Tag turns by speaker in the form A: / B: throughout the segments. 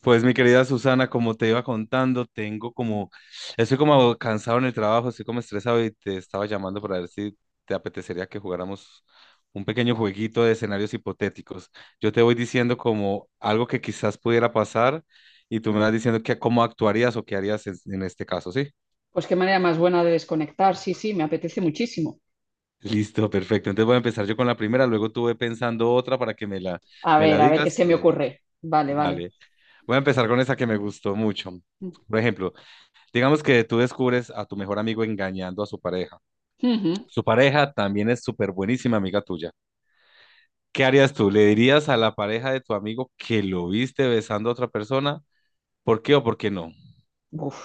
A: Pues mi querida Susana, como te iba contando, estoy como cansado en el trabajo, estoy como estresado y te estaba llamando para ver si te apetecería que jugáramos un pequeño jueguito de escenarios hipotéticos. Yo te voy diciendo como algo que quizás pudiera pasar y tú me vas diciendo que cómo actuarías o qué harías en este caso, ¿sí?
B: Pues qué manera más buena de desconectar. Sí, sí, me apetece muchísimo.
A: Listo, perfecto. Entonces voy a empezar yo con la primera, luego tú ve pensando otra para que me la, me la
B: A ver qué
A: digas
B: se me
A: y ahí vamos.
B: ocurre. Vale, vale.
A: Dale. Voy a empezar con esa que me gustó mucho. Por ejemplo, digamos que tú descubres a tu mejor amigo engañando a su pareja.
B: Ujú.
A: Su pareja también es súper buenísima amiga tuya. ¿Qué harías tú? ¿Le dirías a la pareja de tu amigo que lo viste besando a otra persona? ¿Por qué o por qué no?
B: Uf.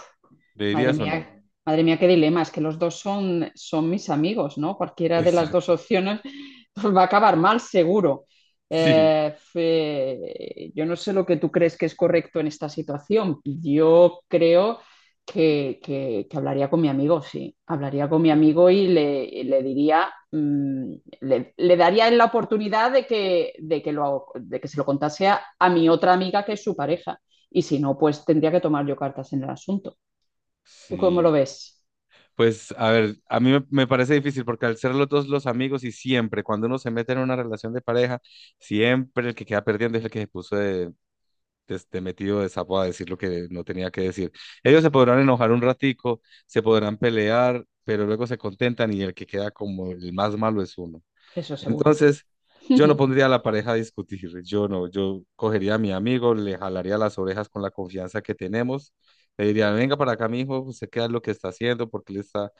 A: ¿Le dirías o no?
B: Madre mía, qué dilema. Es que los dos son mis amigos, ¿no? Cualquiera de las dos
A: Exacto.
B: opciones pues, va a acabar mal, seguro.
A: Sí,
B: Yo no sé lo que tú crees que es correcto en esta situación. Yo creo que hablaría con mi amigo, sí. Hablaría con mi amigo y le diría, le daría la oportunidad de que se lo contase a mi otra amiga que es su pareja. Y si no, pues tendría que tomar yo cartas en el asunto. ¿Tú cómo lo
A: sí.
B: ves?
A: Pues a ver, a mí me parece difícil porque al ser los dos los amigos y siempre, cuando uno se mete en una relación de pareja, siempre el que queda perdiendo es el que se puso de este, metido de sapo a decir lo que no tenía que decir. Ellos se podrán enojar un ratico, se podrán pelear, pero luego se contentan y el que queda como el más malo es uno.
B: Eso seguro.
A: Entonces, yo no pondría a la pareja a discutir, yo no, yo cogería a mi amigo, le jalaría las orejas con la confianza que tenemos, le diría, venga para acá, mi hijo, usted qué es lo que está haciendo, porque le está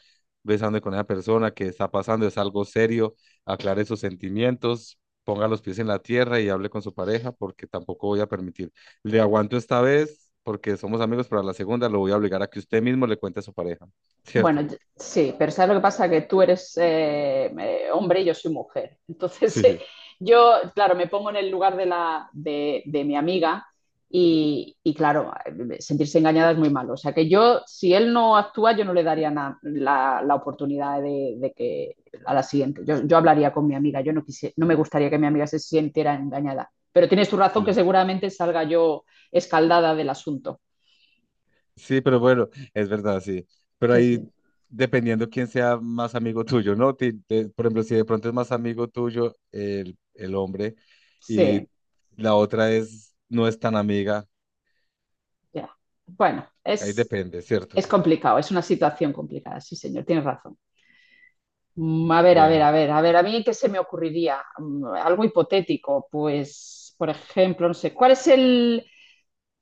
A: besando con esa persona, qué está pasando, es algo serio, aclare sus sentimientos, ponga los pies en la tierra y hable con su pareja, porque tampoco voy a permitir, le aguanto esta vez, porque somos amigos, pero a la segunda lo voy a obligar a que usted mismo le cuente a su pareja,
B: Bueno,
A: ¿cierto?
B: sí, pero ¿sabes lo que pasa? Que tú eres hombre y yo soy mujer. Entonces,
A: Sí,
B: yo, claro, me pongo en el lugar de mi amiga y, claro, sentirse engañada es muy malo. O sea, que yo, si él no actúa, yo no le daría la oportunidad de que a la siguiente. Yo hablaría con mi amiga, yo no, quise, no me gustaría que mi amiga se sintiera engañada. Pero tienes tu razón que
A: sí.
B: seguramente salga yo escaldada del asunto.
A: Sí, pero bueno, es verdad, sí. Pero
B: Sí,
A: ahí,
B: sí.
A: dependiendo quién sea más amigo tuyo, ¿no? Por ejemplo, si de pronto es más amigo tuyo el hombre y
B: Sí,
A: la otra es, no es tan amiga,
B: ya. Bueno,
A: ahí depende, ¿cierto?
B: es complicado, es una situación complicada, sí, señor, tienes razón. A ver, a ver,
A: Bueno,
B: a ver, a ver, a mí qué se me ocurriría. Algo hipotético, pues, por ejemplo, no sé, ¿cuál es el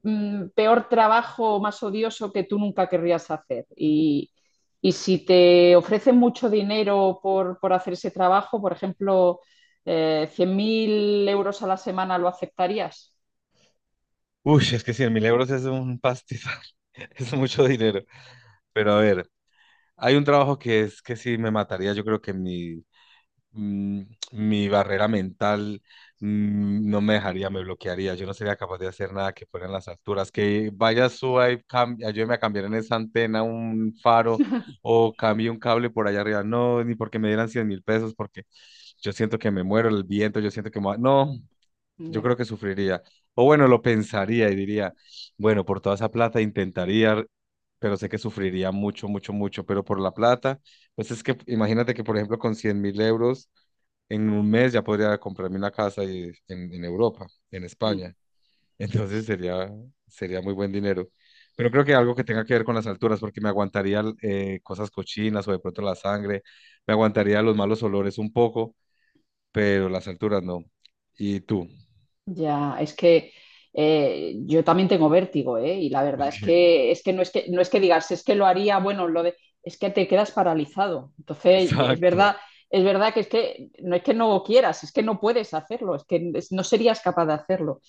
B: peor trabajo o más odioso que tú nunca querrías hacer? Y si te ofrecen mucho dinero por hacer ese trabajo, por ejemplo, 100.000 € a la semana, ¿lo aceptarías?
A: uy, es que 100.000 euros es un pastizal, es mucho dinero. Pero a ver, hay un trabajo que es que sí me mataría, yo creo que en mm, mi barrera mental no me dejaría, me bloquearía. Yo no sería capaz de hacer nada que fuera en las alturas. Que vaya, suba y ayúdeme a cambiar en esa antena un faro o cambie un cable por allá arriba. No, ni porque me dieran 100.000 pesos, porque yo siento que me muero el viento, yo siento que me va- No, yo
B: Ya.
A: creo que sufriría. O bueno, lo pensaría y diría, bueno, por toda esa plata intentaría, pero sé que sufriría mucho, mucho, mucho, pero por la plata, pues es que imagínate que, por ejemplo, con 100.000 euros en un mes ya podría comprarme una casa en Europa, en
B: Mm.
A: España. Entonces sería muy buen dinero. Pero creo que algo que tenga que ver con las alturas, porque me aguantaría cosas cochinas o de pronto la sangre, me aguantaría los malos olores un poco, pero las alturas no. ¿Y tú?
B: Ya, es que yo también tengo vértigo, ¿eh? Y la verdad es
A: Ok.
B: que, es que no es que digas, es que lo haría, bueno, es que te quedas paralizado. Entonces,
A: Exacto,
B: es verdad que es que no quieras, es que no puedes hacerlo, no serías capaz de hacerlo.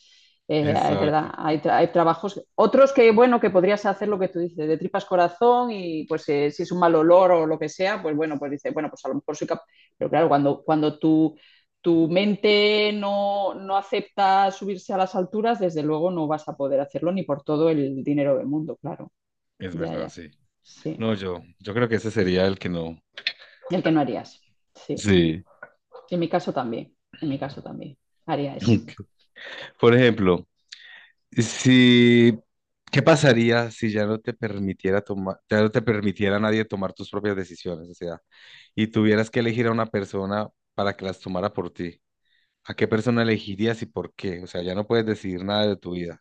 B: Es verdad,
A: exacto.
B: hay trabajos, otros que, bueno, que podrías hacer lo que tú dices, de tripas corazón y pues si es un mal olor o lo que sea, pues bueno, pues dices, bueno, pues a lo mejor soy capaz, pero claro, cuando tu mente no, no acepta subirse a las alturas, desde luego no vas a poder hacerlo ni por todo el dinero del mundo, claro,
A: Es
B: ya,
A: verdad,
B: ya,
A: sí.
B: sí,
A: No, yo creo que ese sería el que no.
B: el que no harías, sí,
A: Sí.
B: en mi caso también, en mi caso también, haría eso.
A: Por ejemplo, Si, ¿qué pasaría si ya no te permitiera tomar, ya no te permitiera a nadie tomar tus propias decisiones? O sea, y tuvieras que elegir a una persona para que las tomara por ti. ¿A qué persona elegirías y por qué? O sea, ya no puedes decidir nada de tu vida.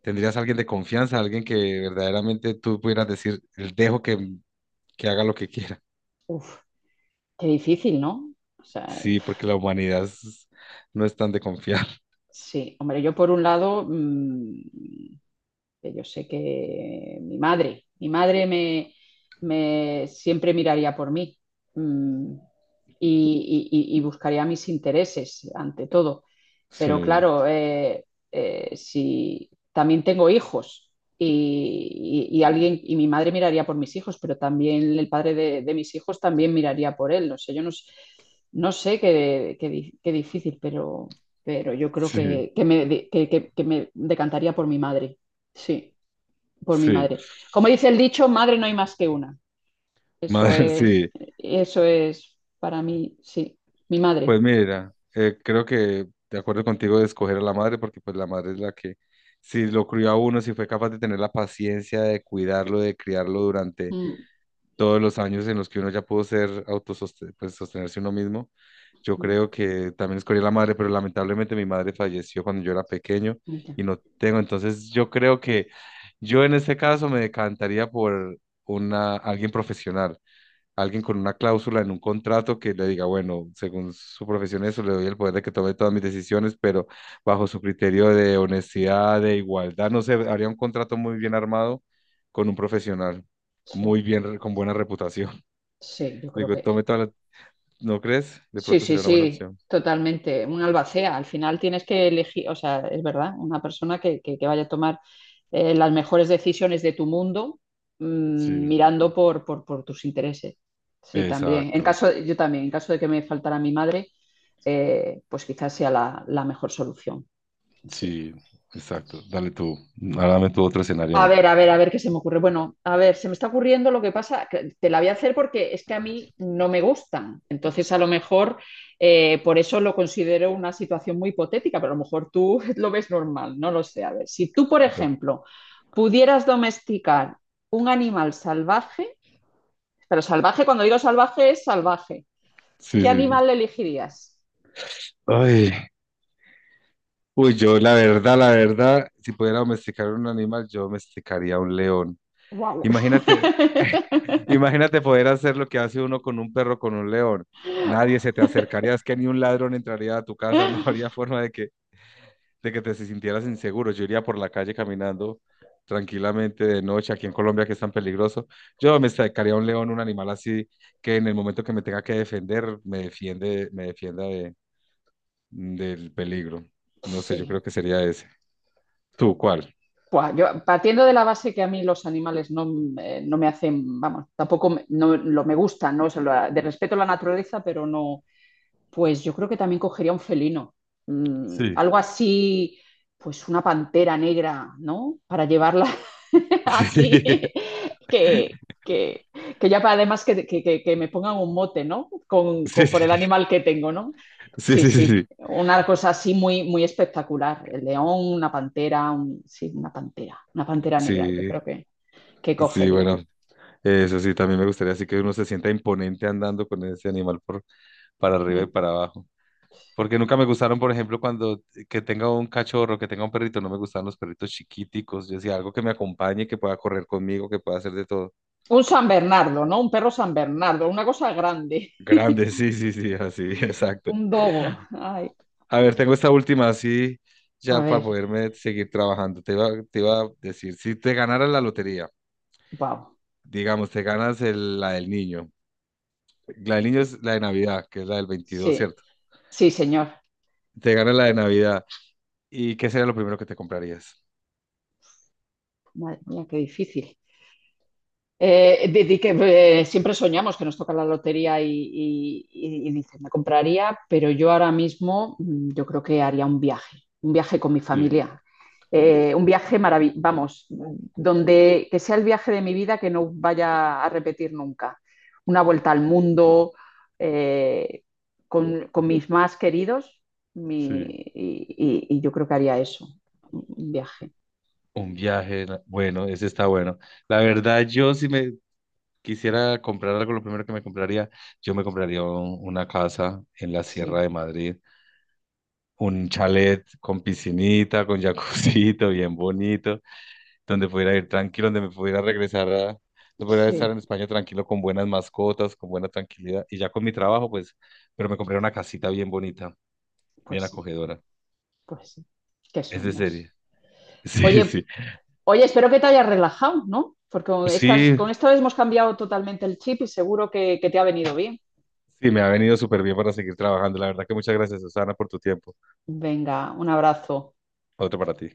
A: ¿Tendrías a alguien de confianza, alguien que verdaderamente tú pudieras decir, "El dejo que, haga lo que quiera?
B: Uf, qué difícil, ¿no? O sea,
A: Sí, porque la humanidad no es tan de confiar.
B: sí, hombre, yo por un lado, que yo sé que mi madre me, me siempre miraría por mí, mm, y, y buscaría mis intereses ante todo. Pero
A: Sí,
B: claro, si también tengo hijos y, y alguien, y mi madre miraría por mis hijos, pero también el padre de mis hijos también miraría por él. No sé, yo no, s- no sé qué difícil, pero yo creo
A: sí,
B: que me, de- que me decantaría por mi madre. Sí, por mi
A: sí.
B: madre. Como dice el dicho, madre no hay más que una. Eso
A: Madre,
B: es,
A: sí.
B: eso es para mí, sí, mi
A: Pues
B: madre.
A: mira, creo que de acuerdo contigo de escoger a la madre, porque pues la madre es la que, si lo crió a uno, si fue capaz de tener la paciencia de cuidarlo, de criarlo durante
B: Mm,
A: todos los años en los que uno ya pudo ser autosostenerse pues, sostenerse uno mismo, yo
B: mm,
A: creo que también escogí a la madre, pero lamentablemente mi madre falleció cuando yo era pequeño
B: ya,
A: y no tengo, entonces yo creo que yo en este caso me decantaría por alguien profesional, alguien con una cláusula en un contrato que le diga, bueno, según su profesión eso, le doy el poder de que tome todas mis decisiones, pero bajo su criterio de honestidad, de igualdad, no sé, haría un contrato muy bien armado con un profesional,
B: sí.
A: muy bien, con buena reputación.
B: Sí, yo creo
A: Digo,
B: que
A: tome todas las, ¿no crees? De
B: sí,
A: pronto
B: sí,
A: sería una buena
B: sí,
A: opción.
B: totalmente. Un albacea. Al final tienes que elegir, o sea, es verdad, una persona que vaya a tomar las mejores decisiones de tu mundo,
A: Sí,
B: mirando por tus intereses. Sí, también. En
A: exacto.
B: caso, yo también, en caso de que me faltara mi madre, pues quizás sea la, la mejor solución. Sí.
A: Sí, exacto. Dale tú. Ahora dame tu otro escenario a
B: A
A: mí.
B: ver, a ver, a ver qué se me ocurre. Bueno, a ver, se me está ocurriendo lo que pasa, que te la voy a hacer porque es que a mí no me gustan. Entonces, a lo mejor por eso lo considero una situación muy hipotética, pero a lo mejor tú lo ves normal, no lo sé. A ver, si tú, por
A: Dale.
B: ejemplo, pudieras domesticar un animal salvaje, pero salvaje, cuando digo salvaje es salvaje,
A: Sí,
B: ¿qué
A: sí, sí.
B: animal elegirías?
A: Ay. Uy, yo la verdad, si pudiera domesticar un animal, yo domesticaría un león.
B: Wow.
A: Imagínate, imagínate poder hacer lo que hace uno con un perro, con un león. Nadie se te acercaría, es que ni un ladrón entraría a tu casa, no habría forma de que te sintieras inseguro. Yo iría por la calle caminando tranquilamente de noche, aquí en Colombia que es tan peligroso. Yo domesticaría un león, un animal así que en el momento que me tenga que defender, me defienda del peligro. No sé, yo
B: Sí.
A: creo que sería ese. ¿Tú cuál?
B: Buah, yo partiendo de la base que a mí los animales no, no me hacen, vamos, tampoco me, no, lo, me gustan, ¿no? O sea, de respeto a la naturaleza, pero no, pues yo creo que también cogería un felino,
A: Sí.
B: algo así, pues una pantera negra, ¿no? Para llevarla así, que, que, que ya para además que que me pongan un mote, ¿no?
A: Sí,
B: Por
A: sí,
B: el animal que tengo, ¿no?
A: sí,
B: Sí,
A: sí,
B: sí,
A: sí,
B: una cosa así muy, muy espectacular. El león, una pantera, sí, una pantera negra, yo
A: sí,
B: creo que
A: sí, sí,
B: cogería.
A: bueno, eso sí, también me gustaría así que uno se sienta imponente andando con ese animal por, para arriba y
B: Mm.
A: para abajo. Porque nunca me gustaron, por ejemplo, cuando que tenga un cachorro, que tenga un perrito, no me gustaban los perritos chiquiticos. Yo decía algo que me acompañe, que pueda correr conmigo, que pueda hacer de todo.
B: Un San Bernardo, ¿no? Un perro San Bernardo, una cosa grande.
A: Grande, sí, sí, sí, así, exacto.
B: Un dogo. Ay.
A: A ver,
B: Sí.
A: tengo esta última así,
B: A
A: ya para
B: ver,
A: poderme seguir trabajando. Te iba a decir, si te ganara la lotería.
B: wow.
A: Digamos, te ganas la del niño. La del niño es la de Navidad, que es la del 22,
B: Sí,
A: ¿cierto?
B: sí, señor.
A: Te ganas la de Navidad. ¿Y qué sería lo primero que te comprarías?
B: Madre mía, qué difícil. Di que siempre soñamos que nos toca la lotería y, y dices, me compraría, pero yo ahora mismo, yo creo que haría un viaje con mi
A: Sí,
B: familia. Un viaje maravilloso, vamos, donde que sea el viaje de mi vida que no vaya a repetir nunca. Una vuelta al mundo, eh, con mis más queridos mi-
A: sí.
B: y, y yo creo que haría eso, un viaje.
A: Un viaje, bueno, ese está bueno. La verdad, yo si me quisiera comprar algo, lo primero que me compraría, yo me compraría una casa en la Sierra
B: Sí,
A: de Madrid, un chalet con piscinita, con jacuzito bien bonito, donde pudiera ir tranquilo, donde me pudiera regresar a, donde pudiera estar en
B: sí.
A: España tranquilo con buenas mascotas, con buena tranquilidad y ya con mi trabajo, pues, pero me compré una casita bien bonita,
B: Pues
A: bien
B: sí.
A: acogedora.
B: Pues sí, qué
A: Es de
B: sueños.
A: serie. Sí,
B: Oye,
A: sí.
B: oye, espero que te hayas relajado, ¿no? Porque con estas,
A: Sí,
B: con esto hemos cambiado totalmente el chip y seguro que te ha venido bien.
A: sí, me ha venido súper bien para seguir trabajando. La verdad que muchas gracias, Susana, por tu tiempo.
B: Venga, un abrazo.
A: Otro para ti.